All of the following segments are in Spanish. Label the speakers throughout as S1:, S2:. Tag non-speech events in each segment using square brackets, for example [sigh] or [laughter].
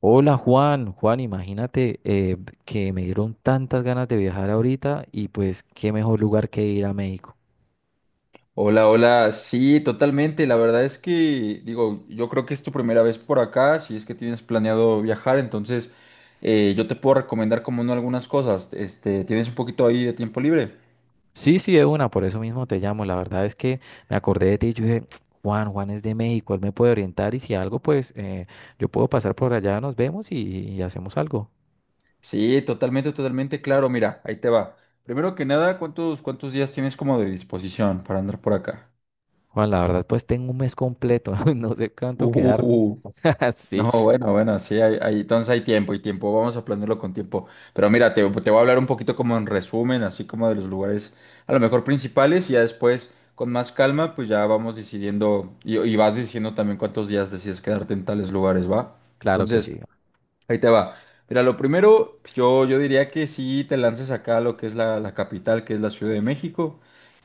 S1: Hola Juan, Juan, imagínate que me dieron tantas ganas de viajar ahorita y pues qué mejor lugar que ir a México.
S2: Hola, hola. Sí, totalmente. La verdad es que, digo, yo creo que es tu primera vez por acá, si es que tienes planeado viajar, entonces yo te puedo recomendar como no algunas cosas. Este, ¿tienes un poquito ahí de tiempo libre?
S1: Sí, sí, de una, por eso mismo te llamo. La verdad es que me acordé de ti y yo dije, Juan, Juan es de México, él me puede orientar y si algo, pues yo puedo pasar por allá, nos vemos y hacemos algo.
S2: Sí, totalmente, totalmente, claro. Mira, ahí te va. Primero que nada, ¿cuántos días tienes como de disposición para andar por acá?
S1: Juan, la verdad, pues tengo un mes completo, [laughs] no sé cuánto quedarme.
S2: Uh,
S1: [laughs] Sí,
S2: No, bueno, bueno, sí, entonces hay tiempo y tiempo, vamos a planearlo con tiempo. Pero mira, te voy a hablar un poquito como en resumen, así como de los lugares a lo mejor principales y ya después con más calma, pues ya vamos decidiendo y vas diciendo también cuántos días decides quedarte en tales lugares, ¿va?
S1: claro que
S2: Entonces,
S1: sí.
S2: Ahí te va. Mira, lo primero, yo diría que si te lances acá a lo que es la capital, que es la Ciudad de México.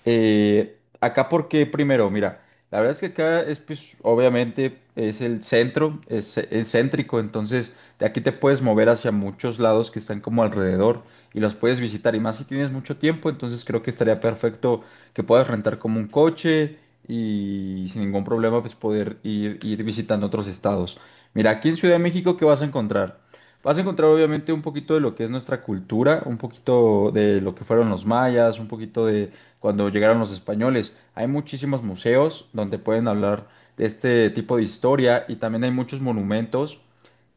S2: Acá, ¿porque primero? Mira, la verdad es que acá es, pues, obviamente, es el centro, es céntrico, entonces de aquí te puedes mover hacia muchos lados que están como alrededor y los puedes visitar. Y más si tienes mucho tiempo, entonces creo que estaría perfecto que puedas rentar como un coche y sin ningún problema, pues, poder ir visitando otros estados. Mira, aquí en Ciudad de México, ¿qué vas a encontrar? Vas a encontrar obviamente un poquito de lo que es nuestra cultura, un poquito de lo que fueron los mayas, un poquito de cuando llegaron los españoles. Hay muchísimos museos donde pueden hablar de este tipo de historia y también hay muchos monumentos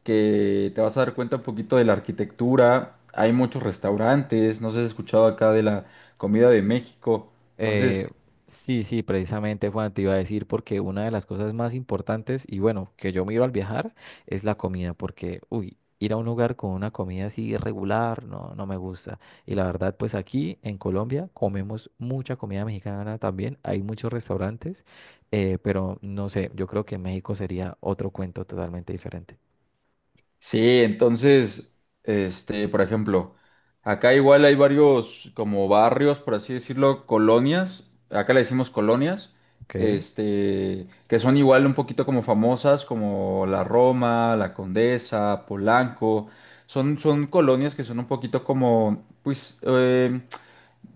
S2: que te vas a dar cuenta un poquito de la arquitectura. Hay muchos restaurantes, no sé si has escuchado acá de la comida de México. Entonces,
S1: Eh, sí, sí, precisamente Juan te iba a decir porque una de las cosas más importantes y bueno, que yo miro al viajar es la comida porque, uy, ir a un lugar con una comida así irregular no me gusta. Y la verdad, pues aquí en Colombia comemos mucha comida mexicana también, hay muchos restaurantes, pero no sé, yo creo que México sería otro cuento totalmente diferente.
S2: Sí, entonces, este, por ejemplo, acá igual hay varios como barrios, por así decirlo, colonias, acá le decimos colonias,
S1: Ok.
S2: este, que son igual un poquito como famosas, como la Roma, la Condesa, Polanco, son colonias que son un poquito como, pues,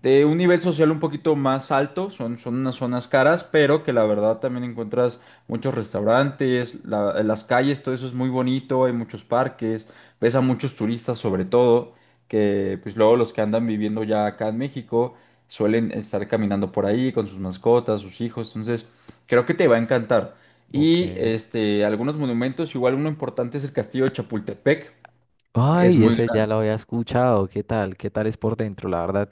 S2: de un nivel social un poquito más alto, son unas zonas caras, pero que la verdad también encuentras muchos restaurantes, las calles, todo eso es muy bonito, hay muchos parques, ves a muchos turistas sobre todo, que pues luego los que andan viviendo ya acá en México suelen estar caminando por ahí con sus mascotas, sus hijos, entonces creo que te va a encantar.
S1: Ok.
S2: Y este, algunos monumentos, igual uno importante es el Castillo de Chapultepec, es
S1: Ay,
S2: muy
S1: ese ya
S2: grande.
S1: lo había escuchado. ¿Qué tal? ¿Qué tal es por dentro? La verdad,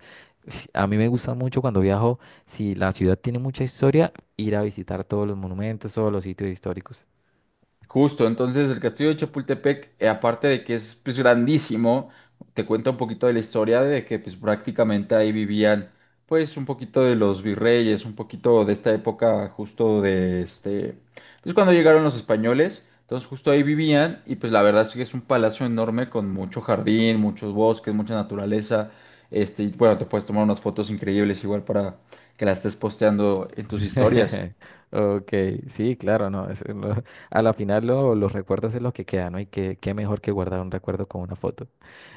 S1: sí, a mí me gusta mucho cuando viajo, si la ciudad tiene mucha historia, ir a visitar todos los monumentos, todos los sitios históricos.
S2: Justo, entonces el Castillo de Chapultepec, aparte de que es pues grandísimo, te cuenta un poquito de la historia de que pues prácticamente ahí vivían pues un poquito de los virreyes, un poquito de esta época justo de este, pues cuando llegaron los españoles, entonces justo ahí vivían y pues la verdad es que es un palacio enorme con mucho jardín, muchos bosques, mucha naturaleza, este, y bueno, te puedes tomar unas fotos increíbles igual para que las estés posteando en tus historias.
S1: [laughs] Ok, sí, claro, no. Eso es a la final los recuerdos es lo que queda, ¿no? Y qué, qué mejor que guardar un recuerdo con una foto.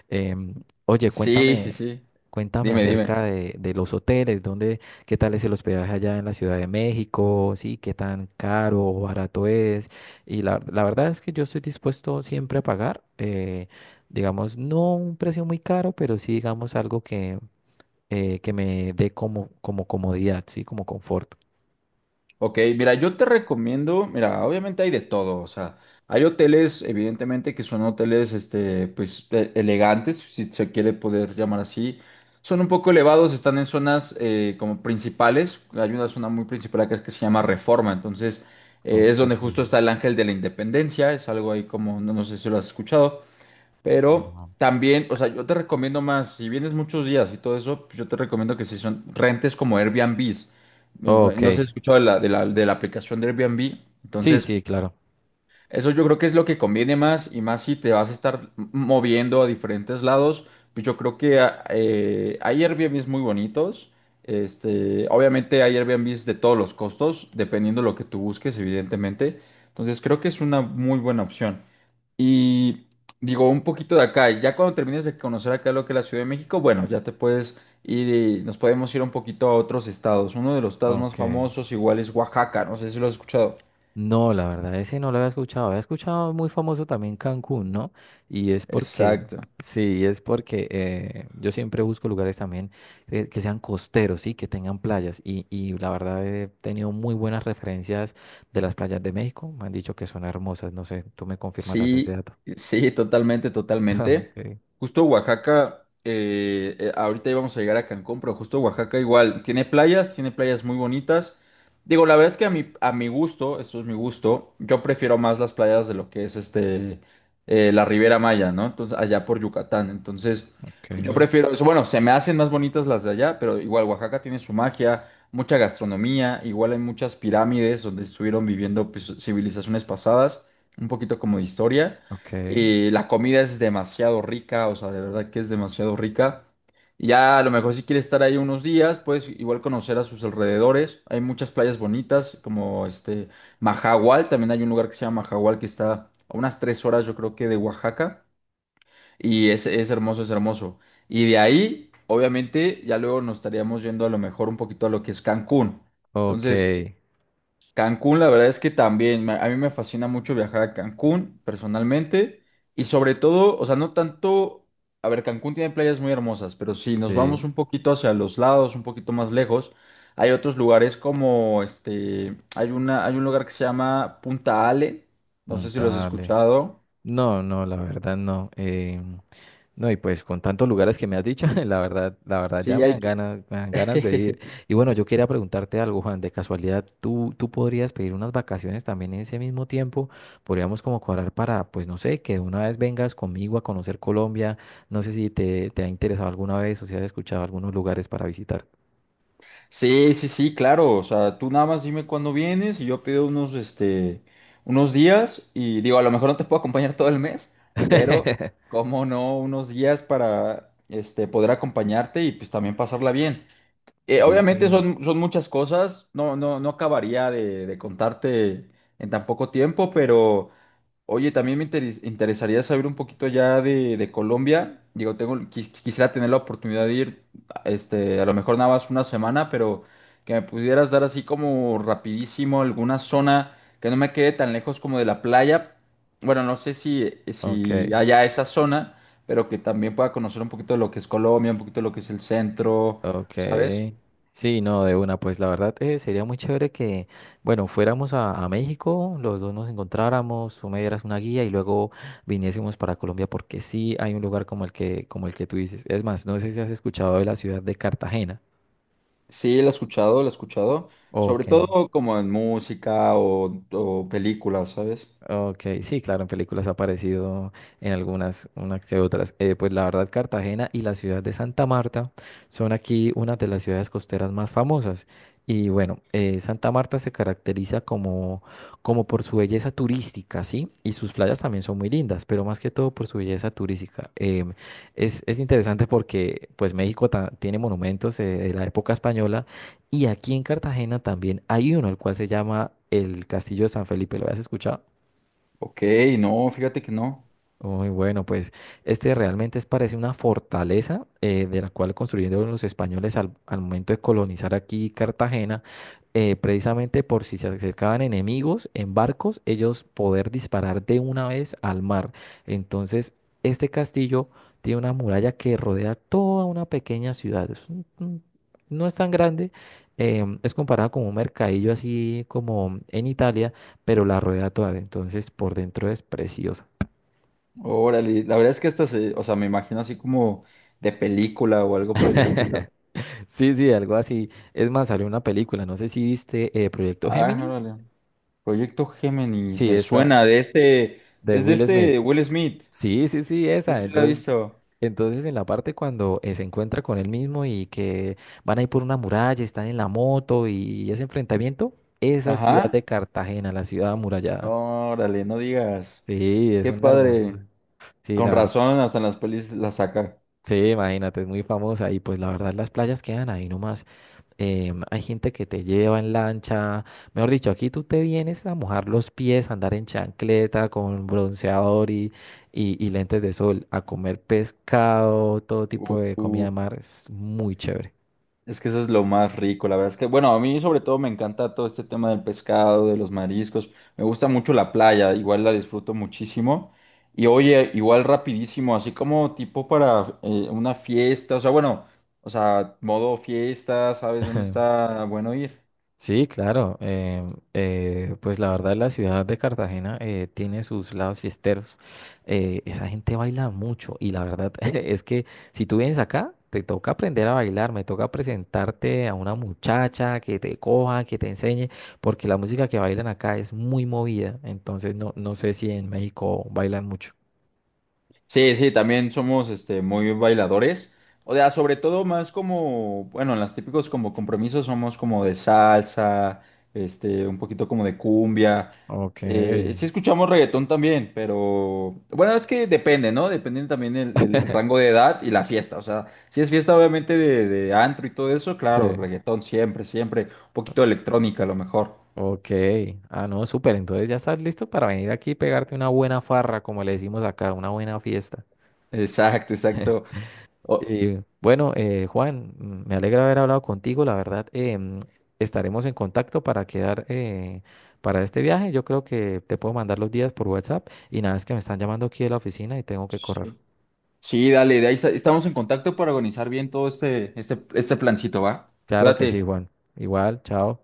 S1: Em, oye,
S2: Sí, sí,
S1: cuéntame,
S2: sí.
S1: cuéntame
S2: Dime,
S1: acerca
S2: dime.
S1: de los hoteles, dónde, qué tal es el hospedaje allá en la Ciudad de México, sí, qué tan caro o barato es. Y la verdad es que yo estoy dispuesto siempre a pagar, digamos, no un precio muy caro, pero sí, digamos, algo que me dé como, como comodidad, sí, como confort.
S2: Ok, mira, yo te recomiendo, mira, obviamente hay de todo, o sea, hay hoteles, evidentemente, que son hoteles, este, pues, elegantes, si se quiere poder llamar así. Son un poco elevados, están en zonas como principales. Hay una zona muy principal acá que se llama Reforma, entonces
S1: Ok.
S2: es donde justo está el Ángel de la Independencia, es algo ahí como, no, no sé si lo has escuchado. Pero
S1: No.
S2: también, o sea, yo te recomiendo más, si vienes muchos días y todo eso, pues yo te recomiendo que si son rentes como Airbnb.
S1: Ok,
S2: No se escuchó de la aplicación de Airbnb.
S1: sí,
S2: Entonces,
S1: sí, claro.
S2: eso yo creo que es lo que conviene más y más si te vas a estar moviendo a diferentes lados. Pues yo creo que hay Airbnbs muy bonitos. Este, obviamente hay Airbnbs de todos los costos, dependiendo de lo que tú busques, evidentemente. Entonces, creo que es una muy buena opción. Y digo, un poquito de acá, y ya cuando termines de conocer acá lo que es la Ciudad de México, bueno, ya te puedes ir, y nos podemos ir un poquito a otros estados. Uno de los estados más
S1: Ok.
S2: famosos igual es Oaxaca, no sé si lo has escuchado.
S1: No, la verdad, ese no lo había escuchado. Había escuchado muy famoso también Cancún, ¿no? Y es
S2: Exacto.
S1: sí, es porque yo siempre busco lugares también que sean costeros, sí, que tengan playas. Y la verdad he tenido muy buenas referencias de las playas de México. Me han dicho que son hermosas. No sé, tú me confirmarás ese
S2: Sí,
S1: dato.
S2: sí, totalmente, totalmente.
S1: [laughs] Okay,
S2: Justo Oaxaca, ahorita íbamos a llegar a Cancún, pero justo Oaxaca igual tiene playas muy bonitas. Digo, la verdad es que a mi gusto, eso es mi gusto, yo prefiero más las playas de lo que es este, la Riviera Maya, ¿no? Entonces, allá por Yucatán. Entonces, yo
S1: okay,
S2: prefiero eso. Bueno, se me hacen más bonitas las de allá, pero igual Oaxaca tiene su magia, mucha gastronomía, igual hay muchas pirámides donde estuvieron viviendo pues, civilizaciones pasadas un poquito como de historia.
S1: okay,
S2: La comida es demasiado rica, o sea, de verdad que es demasiado rica. Y ya a lo mejor si quieres estar ahí unos días, puedes igual conocer a sus alrededores. Hay muchas playas bonitas, como este Mahahual, también hay un lugar que se llama Mahahual que está a unas tres horas, yo creo que de Oaxaca. Y es hermoso, es hermoso. Y de ahí, obviamente, ya luego nos estaríamos yendo a lo mejor un poquito a lo que es Cancún. Entonces,
S1: okay,
S2: Cancún, la verdad es que también, a mí me fascina mucho viajar a Cancún personalmente y sobre todo, o sea, no tanto, a ver, Cancún tiene playas muy hermosas, pero si nos vamos
S1: sí,
S2: un poquito hacia los lados, un poquito más lejos, hay otros lugares como este, hay un lugar que se llama Punta Ale, no sé si lo has
S1: puntale.
S2: escuchado.
S1: No, no, la verdad no. No, y pues con tantos lugares que me has dicho, [laughs] la verdad ya
S2: Sí, hay que...
S1: me dan ganas de ir.
S2: [laughs]
S1: Y bueno, yo quería preguntarte algo, Juan, de casualidad, tú podrías pedir unas vacaciones también en ese mismo tiempo? Podríamos como cuadrar para, pues no sé, que de una vez vengas conmigo a conocer Colombia. No sé si te ha interesado alguna vez o si has escuchado algunos lugares para visitar.
S2: Sí, sí, sí, claro. O sea, tú nada más dime cuándo vienes y yo pido unos, este, unos días y digo, a lo mejor no te puedo acompañar todo el mes, pero
S1: [laughs]
S2: cómo no, unos días para, este, poder acompañarte y pues también pasarla bien.
S1: Sí,
S2: Obviamente
S1: sí.
S2: son muchas cosas, no acabaría de contarte en tan poco tiempo, pero oye, también me interesaría saber un poquito ya de Colombia. Digo, tengo, quisiera tener la oportunidad de ir, este, a lo mejor nada más una semana, pero que me pudieras dar así como rapidísimo alguna zona que no me quede tan lejos como de la playa. Bueno, no sé si, si
S1: Ok.
S2: haya esa zona, pero que también pueda conocer un poquito de lo que es Colombia, un poquito de lo que es el centro,
S1: Ok.
S2: ¿sabes?
S1: Sí, no, de una, pues la verdad sería muy chévere que, bueno, fuéramos a México, los dos nos encontráramos, tú me dieras una guía y luego viniésemos para Colombia porque sí hay un lugar como el que tú dices. Es más, no sé si has escuchado de la ciudad de Cartagena.
S2: Sí, lo he escuchado, lo he escuchado. Sobre
S1: Ok.
S2: todo como en música o películas, ¿sabes?
S1: Ok, sí, claro, en películas ha aparecido en algunas, unas que otras. Pues la verdad, Cartagena y la ciudad de Santa Marta son aquí una de las ciudades costeras más famosas. Y bueno, Santa Marta se caracteriza como, como por su belleza turística, ¿sí? Y sus playas también son muy lindas, pero más que todo por su belleza turística. Es interesante porque pues México tiene monumentos de la época española y aquí en Cartagena también hay uno, el cual se llama el Castillo de San Felipe. ¿Lo habías escuchado?
S2: Ok, no, fíjate que no.
S1: Muy bueno, pues este realmente es, parece una fortaleza de la cual construyeron los españoles al momento de colonizar aquí Cartagena, precisamente por si se acercaban enemigos en barcos, ellos poder disparar de una vez al mar. Entonces, este castillo tiene una muralla que rodea toda una pequeña ciudad. Es no es tan grande, es comparado con un mercadillo así como en Italia, pero la rodea toda. Entonces, por dentro es preciosa.
S2: Órale, la verdad es que esta se, o sea, me imagino así como de película o algo por el estilo.
S1: Sí, sí, algo así. Es más, salió una película, no sé si viste Proyecto
S2: Ah,
S1: Gemini.
S2: órale. Proyecto Géminis,
S1: Sí,
S2: me
S1: esta
S2: suena de este,
S1: de
S2: es de
S1: Will Smith.
S2: este Will Smith.
S1: Sí, sí, sí,
S2: Sí,
S1: esa.
S2: sí lo he
S1: Entonces,
S2: visto.
S1: entonces en la parte cuando se encuentra con él mismo y que van a ir por una muralla, están en la moto y ese enfrentamiento, esa ciudad de
S2: Ajá.
S1: Cartagena, la ciudad amurallada.
S2: Órale, no digas.
S1: Sí, es
S2: Qué
S1: una
S2: padre.
S1: hermosura. Sí,
S2: Con
S1: la verdad.
S2: razón, hasta en las pelis la saca.
S1: Sí, imagínate, es muy famosa y pues la verdad las playas quedan ahí nomás. Hay gente que te lleva en lancha, mejor dicho, aquí tú te vienes a mojar los pies, a andar en chancleta con bronceador y lentes de sol, a comer pescado, todo
S2: Uh,
S1: tipo de comida
S2: uh.
S1: de mar, es muy chévere.
S2: Es que eso es lo más rico, la verdad es que, bueno, a mí sobre todo me encanta todo este tema del pescado, de los mariscos, me gusta mucho la playa, igual la disfruto muchísimo. Y oye, igual rapidísimo, así como tipo para una fiesta, o sea, bueno, o sea, modo fiesta, ¿sabes dónde
S1: [laughs]
S2: está bueno ir?
S1: Sí, claro. Pues la verdad, la ciudad de Cartagena tiene sus lados fiesteros. Eh, esa gente baila mucho y la verdad [laughs] es que si tú vienes acá, te toca aprender a bailar, me toca presentarte a una muchacha que te coja, que te enseñe, porque la música que bailan acá es muy movida. Entonces, no, no sé si en México bailan mucho.
S2: Sí, sí, también somos este, muy bailadores. O sea, sobre todo más como, bueno, en las típicos como compromisos somos como de salsa, este, un poquito como de cumbia.
S1: Ok,
S2: Sí escuchamos reggaetón también, pero bueno, es que depende, ¿no? Depende también el rango de edad y la fiesta. O sea, si es fiesta obviamente de antro y todo eso, claro,
S1: sí.
S2: reggaetón siempre, siempre. Un poquito de electrónica a lo mejor.
S1: Ok, ah no, súper, entonces ya estás listo para venir aquí y pegarte una buena farra, como le decimos acá, una buena fiesta.
S2: Exacto, exacto. O-
S1: Y bueno, Juan, me alegra haber hablado contigo. La verdad, estaremos en contacto para quedar para este viaje. Yo creo que te puedo mandar los días por WhatsApp. Y nada, es que me están llamando aquí de la oficina y tengo que correr.
S2: sí. Sí, dale, de ahí estamos en contacto para organizar bien todo este plancito, ¿va?
S1: Claro que sí,
S2: Cuídate.
S1: Juan. Igual, chao.